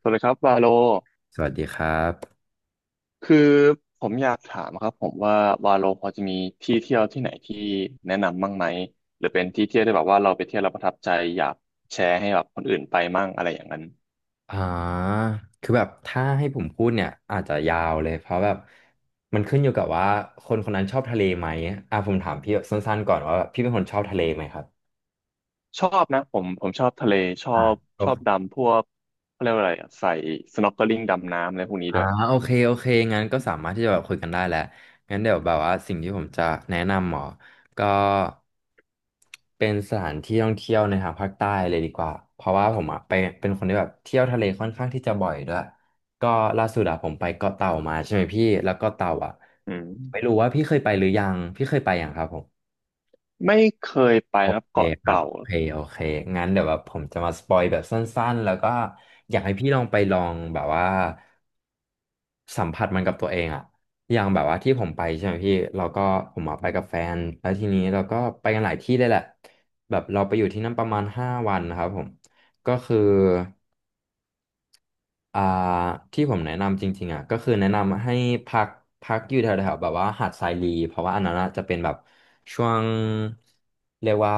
สวัสดีครับวาโลสวัสดีครับคือผมอยากถามครับผมว่าวาโลพอจะมีที่เที่ยวที่ไหนที่แนะนำบ้างไหมหรือเป็นที่เที่ยวที่แบบว่าเราไปเที่ยวเราประทับใจอยากแชร์ให้แบบคนอื่นไปมั่งอะไรอย่างนั้นอ่าคือแบบถ้าให้ผมพูดเนี่ยอาจจะยาวเลยเพราะแบบมันขึ้นอยู่กับว่าคนคนนั้นชอบทะเลไหมอ่ะผมถามพี่แบบสั้นๆก่อนว่าแบบพี่เป็นคนชอบทะเลไหมครับชอบนะผมชอบทะเลชอบอ่ะ ชอบดำพวกเขาเรียกว่าอะไรอะใส่ snorkeling ดำน้ำอะไรพวกนี้อ่าด้วยโอเคโอเคงั้นก็สามารถที่จะแบบคุยกันได้แหละงั้นเดี๋ยวแบบว่าสิ่งที่ผมจะแนะนำหมอก็เป็นสถานที่ท่องเที่ยวในทางภาคใต้เลยดีกว่าเพราะว่าผมอ่ะไปเป็นคนที่แบบเที่ยวทะเลค่อนข้างที่จะบ่อยด้วยก็ล่าสุดอะผมไปเกาะเต่ามาใช่ไหมพี่แล้วเกาะเต่าอ่ะอืไม่มรู้ว่าพี่เคยไปหรือยังพี่เคยไปยังครับผมไม่เคยไปโอครับเคเกาะครับเต่าโอเคโอเคงั้นเดี๋ยวแบบผมจะมาสปอยแบบสั้นๆแล้วก็อยากให้พี่ลองไปลองแบบว่า สัมผัสมันกับตัวเองอะอย่างแบบว่าที่ผมไปใช่ไหมพี่เราก็ผมอะไปกับแฟน แล้วทีนี้เราก็ไปกันหลายที่เลยแหละแบบเราไปอยู่ที่นั่นประมาณ5 วันนะครับผม ก็คือ อ่าที่ผมแนะนำจริงๆอ่ะก็คือแนะนำให้พักพักอยู่แถวๆแบบว่าหาดทรายลีเพราะว่าอันนั้นอะจะเป็นแบบช่วงเรียกว่า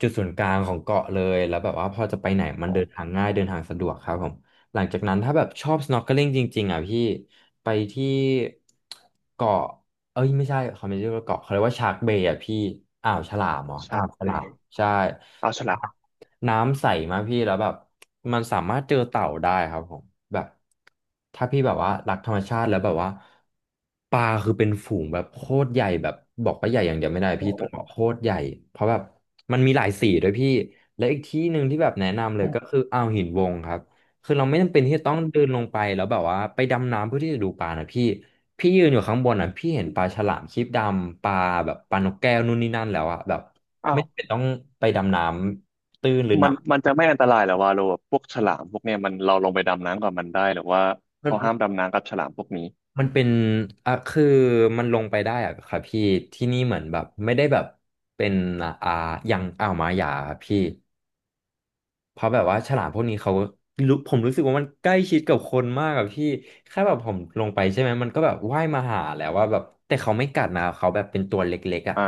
จุดศูนย์กลางของเกาะเลยแล้วแบบว่าพอจะไปไหนมันอ๋อเดินทางง่ายเดินทางสะดวกครับผมหลังจากนั้นถ้าแบบชอบ snorkeling จริงๆอ่ะพี่ไปที่เกาะเอ้ยไม่ใช่เขาไม่เรียกว่าเกาะเขาเรียกว่าชาร์กเบย์อ่ะพี่อ่าวฉลามเหรออ่าชักวฉเปรลามย์ใช่ อ้าวฉลามน้ำใสมากพี่แล้วแบบมันสามารถเจอเต่าได้ครับผมแบบถ้าพี่แบบว่ารักธรรมชาติแล้วแบบว่าปลาคือเป็นฝูงแบบโคตรใหญ่แบบบอกว่าใหญ่อย่างเดียวไม่ได้โอ้พี่โหโคตรใหญ่เพราะแบบมันมีหลายสีด้วยพี่และอีกที่หนึ่งที่แบบแนะนำเลยก็คือออ่าวหินวงครับคือเราไม่จำเป็นที่จะต้องเดินลงไปแล้วแบบว่าไปดำน้ำเพื่อที่จะดูปลานะพี่พี่ยืนอยู่ข้างบนอ่ะพี่เห็นปลาฉลามครีบดำปลาแบบปลานกแก้วนู่นนี่นั่นแล้วอ่ะแบบ้าไม่ว จำเป็นต้องไปดำน้ำ ตื้นหรือหมันันกมันจะไม่อันตรายเหรอวาโลแบบพวกฉลามพวกเนี้ยมันเราลงไปดำน้ำกับมันได้หรือว่ามันเขามัห้านมดำน้ำกับฉลามพวกนี้มันเป็นอ่ะคือมันลงไปได้อะครับพี่ที่นี่เหมือนแบบไม่ได้แบบเป็นอ่าอย่างอ่าวหมาหยาครับพี่เพราะแบบว่าฉลามพวกนี้เขารู้ผมรู้สึกว่ามันใกล้ชิดกับคนมากอะพี่แค่แบบผมลงไปใช่ไหมมันก็แบบว่ายมาหาแล้วว่าแบบแต่เขาไม่กัดนะเขาแบบเป็นตัวเล็กๆอ่ะอ่า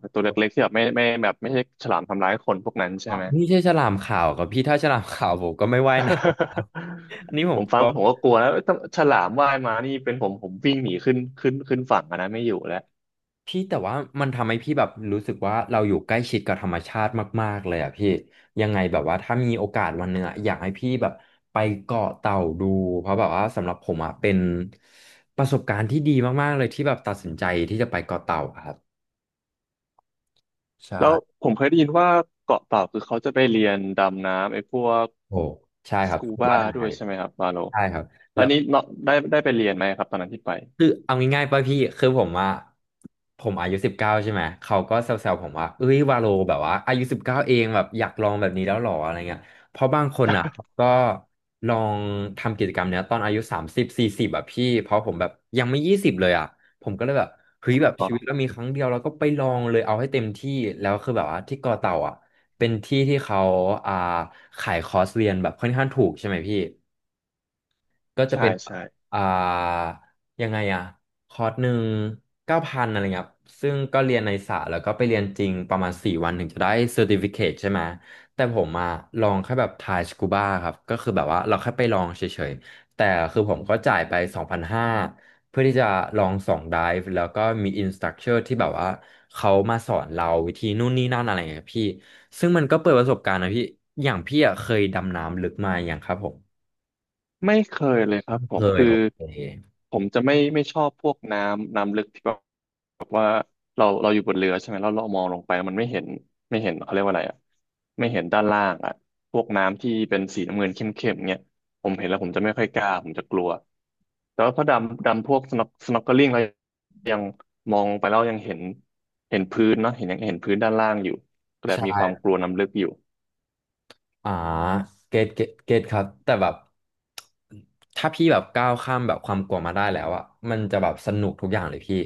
เป็นตัวเล็กๆที่แบบไม่แบบไม่ใช่ฉลามทำร้ายคนพวกนั้นใช่อ๋อไหม นี่ใช่ฉลามขาวกับพี่ถ้าฉลามขาวผมก็ไม่ว่ายนะอันนี้ผ ผมมกฟัลังว ผมก็กลัวแล้วเอ้ยถ้าฉลามว่ายมานี่เป็นผมวิ่งหนีขึ้นฝั่งอะนะไม่อยู่แล้วพี่แต่ว่ามันทำให้พี่แบบรู้สึกว่าเราอยู่ใกล้ชิดกับธรรมชาติมากๆเลยอ่ะพี่ยังไงแบบว่าถ้ามีโอกาสวันหนึ่งอะอยากให้พี่แบบไปเกาะเต่าดูเพราะแบบว่าสำหรับผมอ่ะเป็นประสบการณ์ที่ดีมากๆเลยที่แบบตัดสินใจที่จะไปเกาะเต่าอะครับใช่แล้วผมเคยได้ยินว่าเกาะเต่าคือเขาจะไปเรียนดำน้ำไอ้พวกโอ้ใช่คสรับกูบาว่าได้ด้วยใช่ไหมครับวาโลใช่ครับแล้แล้วว นี้เนาะได้ไปเรียนไหมครับตอนนั้นที่ไปคือเอาง่ายๆป่ะพี่คือผมว่าผมอายุสิบเก้าใช่ไหมเขาก็แซวๆผมว่าเอ้ยวาโลแบบว่าอายุสิบเก้าเองแบบอยากลองแบบนี้แล้วหรออะไรเงี้ยเพราะบางคนอ่ะก็ลองทำกิจกรรมเนี้ยตอนอายุ3040แบบพี่เพราะผมแบบยังไม่20เลยอ่ะผมก็เลยแบบเฮ้ยแบบอ๋ชีวิตเราอมีครั้งเดียวเราก็ไปลองเลยเอาให้เต็มที่แล้วคือแบบว่าที่กอเต่าอ่ะเป็นที่ที่เขาอ่าขายคอร์สเรียนแบบค่อนข้างถูกใช่ไหมพี่ ก็จะใช่เป็นแบใช่ บอ่า ยังไงอะคอร์สหนึ่ง9,000อะไรเงี้ยครับซึ่งก็เรียนในสาแล้วก็ไปเรียนจริงประมาณ4 วันถึงจะได้เซอร์ติฟิเคตใช่ไหม แต่ผมอะลองแค่แบบทายสกูบ้าครับ ก็คือแบบว่าเราแค่ไปลองเฉยๆ แต่คือผมก็จ่ายไป2,500เพื่อที่จะลอง2 ไดฟ์แล้วก็มีอินสตั c เ o อร์ที่แบบว่าเขามาสอนเราวิธีนู่นนี่นั่นอะไรเงี้ยพี่ ซึ่งมันก็เปิดประสบการณ์นะพี่อย่างพี่อะเคยดำน้ำลึกมาอย่างครับผมไม่เคยเลยครับผเคมยคืโออเค ผมจะไม่ชอบพวกน้ำลึกที่แบบว่าเราอยู่บนเรือใช่ไหมแล้วเรามองลงไปมันไม่เห็นไม่เห็นเขาเรียกว่าอะไรอ่ะไม่เห็นด้านล่างอ่ะพวกน้ำที่เป็นสีน้ำเงินเข้มๆเงี้ยผมเห็นแล้วผมจะไม่ค่อยกล้าผมจะกลัวแต่ว่าพอดำดำพวกสน็อกเกิลิ่งเรายังมองลงไปแล้วยังเห็นเห็นพื้นเนาะเห็นยังเห็นพื้นด้านล่างอยู่ก็แบบมีความใช่กลัวน้ำลึกอยู่อ่าเกตครับแต่แบบถ้าพี่แบบก้าวข้ามแบบความกลัวมาได้แล้วอะมันจะแบบสนุกทุกอย่างเลยพี่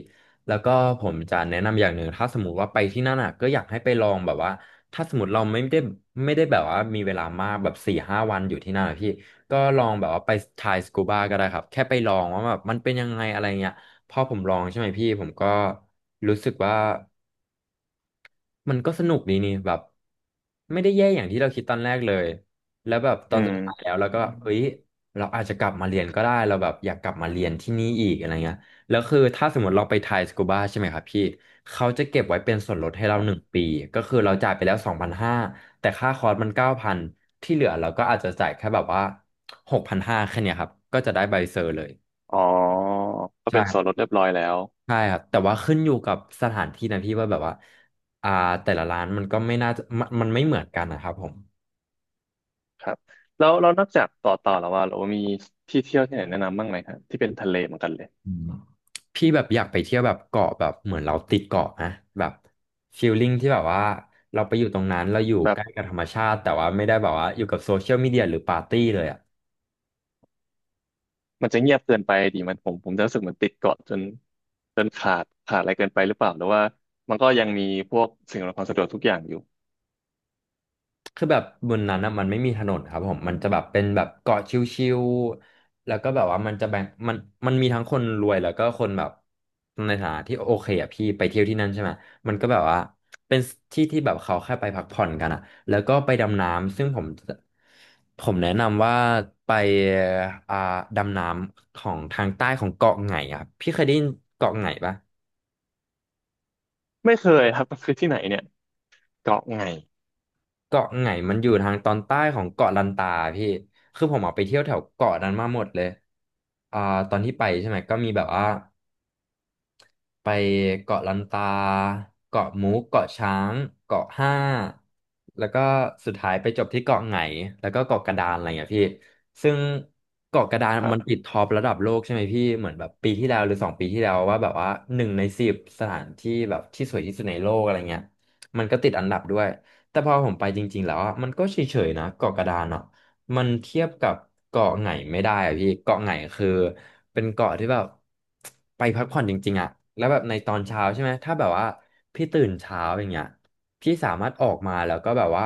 แล้วก็ผมจะแนะนำอย่างหนึ่งถ้าสมมติว่าไปที่นั่นอะก็อยากให้ไปลองแบบว่าถ้าสมมติเราไม่ได้แบบว่ามีเวลามากแบบ4-5 วันอยู่ที่นั่นอะพี่ก็ลองแบบว่าไปทายสกูบาก็ได้ครับแค่ไปลองว่าแบบมันเป็นยังไงอะไรเงี้ยพอผมลองใช่ไหมพี่ผมก็รู้สึกว่า มันก็สนุกดีนี่แบบไม่ได้แย่อย่างที่เราคิดตอนแรกเลยแล้วแบบตอือนสุมดท้ายแล้วเราก็อืแบบเฮ้ยเราอาจจะกลับมาเรียนก็ได้เราแบบอยากกลับมาเรียนที่นี่อีกอะไรเงี้ยแล้วคือถ้าสมมติเราไปไทยสกูบาใช่ไหมครับพี่เขาจะเก็บไว้เป็นส่วนลดให้เรา1 ปีก็คือเราจ่ายไปแล้ว2,500แต่ค่าคอร์สมัน9,000ที่เหลือเราก็อาจจะจ่ายแค่แบบว่า6,500แค่เนี้ยครับก็จะได้ใบเซอร์เลยอ๋อก็เป็นส่วนลใช่ ดเรียบร้อยแล้ว ใช่ครับแต่ว่าขึ้นอยู่กับสถานที่นะพี่ว่าแบบว่าอ่าแต่ละร้านมันก็ไม่น่าจะมันไม่เหมือนกันนะครับผมครับแล้วเรานอกจากต่อแล้วว่าเรามีที่เที่ยวที่ไหนแนะนำบ้างไหมครับที่เป็นทะเลเหมือนกันเลยอืมพี่แบบอยากไปเที่ยวแบบเกาะแบบเหมือนเราติดเกาะนะแบบฟีลลิ่งที่แบบว่าเราไปอยู่ตรงนั้นเราอยู่ใกแบบล้กับธรรมชาติแต่ว่าไม่ได้แบบว่าอยู่กับโซเชียลมีเดียหรือปาร์ตี้เลยอ่ะ มันจะเงียบเกินไปดิมันผมจะรู้สึกเหมือนติดเกาะจนขาดอะไรเกินไปหรือเปล่าหรือว่ามันก็ยังมีพวกสิ่งอำนวยความสะดวกทุกอย่างอยู่คือแบบบนนั้นอะมันไม่มีถนนครับผมมันจะแบบเป็นแบบเกาะชิวๆแล้วก็แบบว่ามันจะแบ่งมันมันมีทั้งคนรวยแล้วก็คนแบบในฐานะที่โอเคอะพี่ไปเที่ยวที่นั่นใช่ไหมมันก็แบบว่าเป็นที่ที่แบบเขาแค่ไปพักผ่อนกันอะแล้วก็ไปดำน้ำซึ่งผมแนะนำว่าไปอ่าดำน้ำของทางใต้ของเกาะไหงอะครับพี่เคยได้ยินเกาะไหงปะ ไม่เคยครับมันคือที่ไหนเนี่ยเกาะไงเกาะไหงมันอยู่ทางตอนใต้ของเกาะลันตาพี่คือผมออกไปเที่ยวแถวเกาะนั้นมาหมดเลยอ่าตอนที่ไปใช่ไหมก็มีแบบว่า ไปเกาะลันตาเกาะมุกเกาะช้างเกาะห้าแล้วก็สุดท้ายไปจบที่เกาะไหงแล้วก็เกาะกระดานอะไรอย่างเงี้ยพี่ซึ่งเกาะกระดานครัมันบติดท็อประดับโลกใช่ไหมพี่เหมือนแบบปีที่แล้วหรือ2 ปีที่แล้วว่าแบบว่า1 ใน 10สถานที่แบบที่สวยที่สุดในโลกอะไรเงี้ยมันก็ติดอันดับด้วยแต่พอผมไปจริงๆแล้วอะมันก็เฉยๆนะเกาะกระดานอ่ะมันเทียบกับเกาะไหนไม่ได้อะพี่เกาะไหนคือ เป็นเกาะที่แบบ ไปพักผ่อนจริงๆอะแล้วแบบในตอนเช้าใช่ไหมถ้าแบบว่าพี่ตื่นเช้าอย่างเงี้ยพี่สามารถออกมาแล้วก็แบบว่า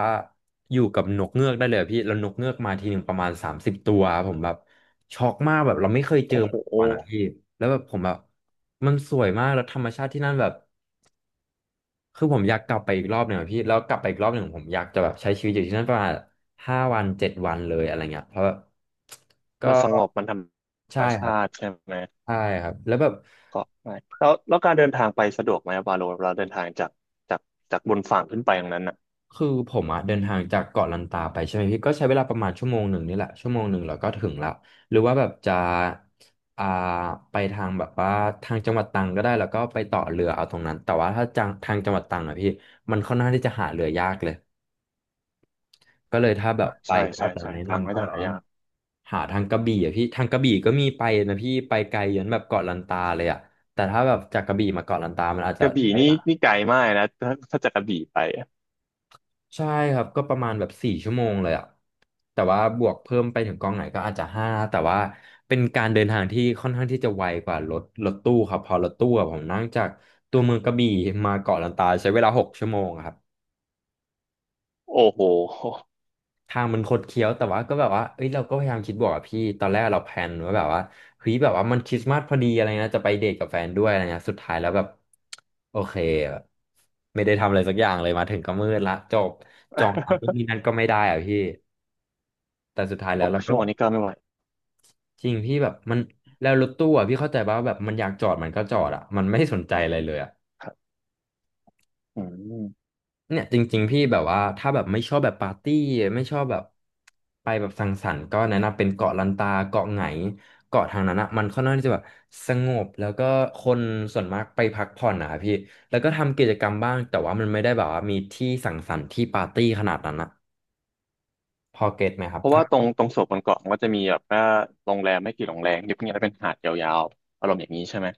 อยู่กับนกเงือกได้เลยอะพี่แล้วนกเงือกมาทีหนึ่งประมาณ30 ตัวผมแบบช็อกมากแบบเราไม่เคยเจอโอ้โมาหก่อนอะพี่แล้วแบบผมแบบมันสวยมากแล้วธรรมชาติที่นั่นแบบ คือผมอยากกลับไปอีกรอบหนึ่งอะพี่แล้วกลับไปอีกรอบหนึ่งผมอยากจะแบบใช้ชีวิตอยู่ที่นั่นประมาณ5-7 วันเลยอะไรเงี้ยเพราะแบบก็มันสงบมันธรรใช่มคชารับติใช่ไหมใช่ครับแล้วแบบเกาะไงแล้วแล้วการเดินทางไปสะดวกไหมบาโลเราเดินทางจากจากจากบนฝั่งขึ้นไปตรงนั้นอ่ะคือผมอะเดินทางจากเกาะลันตาไปใช่ไหมพี่ก็ใช้เวลาประมาณชั่วโมงหนึ่งนี่แหละชั่วโมงหนึ่งเราก็ถึงละหรือว่าแบบจะอ่าไปทางแบบว่าทางจังหวัดตรังก็ได้แล้วก็ไปต่อเรือเอาตรงนั้นแต่ว่าถ้าจังทางจังหวัดตรังอะพี่มันค่อนข้างที่จะหาเรือยากเลย ก็เลยถ้าแบบอ่ะไปใช่ก็ใช่อาจจะใช่แนะทางนำก็ก็จะแบหาบว่ายาก หาทางกระบี่อะพี่ทางกระบี่ก็มีไปนะพี่ไปไกลยันแบบเกาะลันตาเลยอะแต่ถ้าแบบจากกระบี่มาเกาะลันตามันอาจกจะระบี่ใช้เวนี่ลานี่ไกลมากนะถ้าจากกระบี่ไปอะใช่ครับก็ประมาณแบบ4 ชั่วโมงเลยอะแต่ว่าบวกเพิ่มไปถึงกองไหนก็อาจจะห้าแต่ว่าเป็นการเดินทางที่ค่อนข้างที่จะไวกว่ารถตู้ครับเพอรถตู้อะผมนั่งจากตัวเมืองกระบี่มาเกาะลันตาใช้เวลา6 ชั่วโมงอะครับ โอ้โห ทางมันคดเคี้ยวแต่ว่าก็แบบว่าเอ้ยเราก็พยายามคิดบวกอะพี่ตอนแรกเราแพลนไว่าแบบว่าเฮ้ยแบบว่ามันคริสต์มาสพอดีอะไรนะจะไปเดทกับแฟนด้วยอะไรเงี้ยสุดท้ายแล้วแบบโอเคแบบไม่ได้ทำอะไรสักอย่างเลยมาถึงก็มืดละจบจองร้านนู่นนี่นั่ นก็ไม่ได้อะพี่แต่สุดท้ายแล้หวกเราก็ชั่วโมแบงบนี่ก็ไม่ไหวจริงพี่แบบมันแล้วรถตู้อะพี่เข้าใจป่ะว่าแบบมันอยากจอดมันก็จอดอะมันไม่สนใจอะไรเลยอะ ครับอืมเนี่ยจริงๆพี่แบบว่าถ้าแบบไม่ชอบแบบปาร์ตี้ไม่ชอบแบบไปแบบสังสรรค์ก็แนะนำเป็นเกาะลันตาเกาะไหงเกาะทางนั้นอะมันค่อนข้างที่จะแบบสงบแล้วก็คนส่วนมากไปพักผ่อนนะครับพี่แล้วก็ทำกิจกรรมบ้างแต่ว่ามันไม่ได้แบบว่ามีที่สังสรรค์ที่ปาร์ตี้ขนาดนั้นอะพอเก็ตไหมครับเพราะถ้าว่าตรงโซนบนเกาะมันก็จะมีแบบว่าโรงแรมไม่กี่โรงแรมเงียบๆแล้วเป็นหาดยาวๆอารมณ์อย่างนี้ใช่ไหม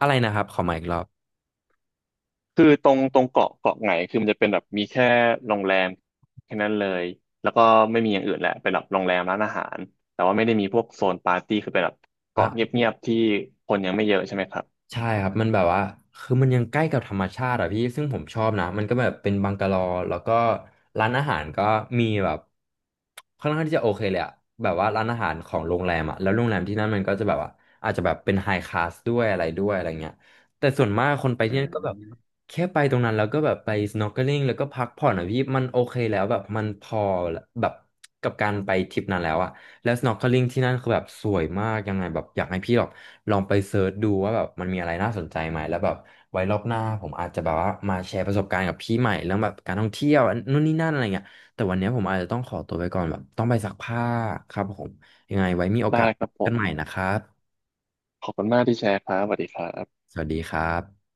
อะไรนะครับขอมาอีกรอบ คือตรงเกาะไหนคือมันจะเป็นแบบมีแค่โรงแรมแค่นั้นเลยแล้วก็ไม่มีอย่างอื่นแหละเป็นแบบโรงแรมร้านอาหารแต่ว่าไม่ได้มีพวกโซนปาร์ตี้คือเป็นแบบเกาะเงียบๆที่คนยังไม่เยอะใช่ไหมครับใช่ครับมันแบบว่าคือมันยังใกล้กับธรรมชาติอะพี่ซึ่งผมชอบนะมันก็แบบเป็นบังกะโลแล้วก็ร้านอาหารก็มีแบบค่อนข้างที่จะโอเคเลยอะแบบว่าร้านอาหารของโรงแรมอะแล้วโรงแรมที่นั่นมันก็จะแบบว่าอาจจะแบบเป็นไฮคลาสด้วยอะไรด้วยอะไรเงี้ยแต่ส่วนมากคนไปอืที่นั่นก็แบบมแค่ไปตรงนั้นแล้วก็แบบไป snorkeling แล้วก็พักผ่อนอะพี่มันโอเคแล้วแบบมันพอแบบกับการไปทริปนั้นแล้วอะ แล้ว snorkeling ที่นั่นคือแบบสวยมากยังไงแบบอยากให้พี่แบบลองไปเซิร์ชดูว่าแบบมันมีอะไรน่าสนใจไหมแล้วแบบไว้รอบหน้าผมอาจจะแบบว่ามาแชร์ประสบการณ์กับพี่ใหม่เรื่องแบบการท่องเที่ยวนู่นนี่นั่นอะไรเงี้ยแต่วันเนี้ยผมอาจจะต้องขอตัวไปก่อนแบบต้องไปซักผ้าครับผมยังไงไว้มีโอกาได้สครับผกันมใหม่นะครับขอบคุณมากที่แชร์ครับสวัสดีครับสวัสดีครับ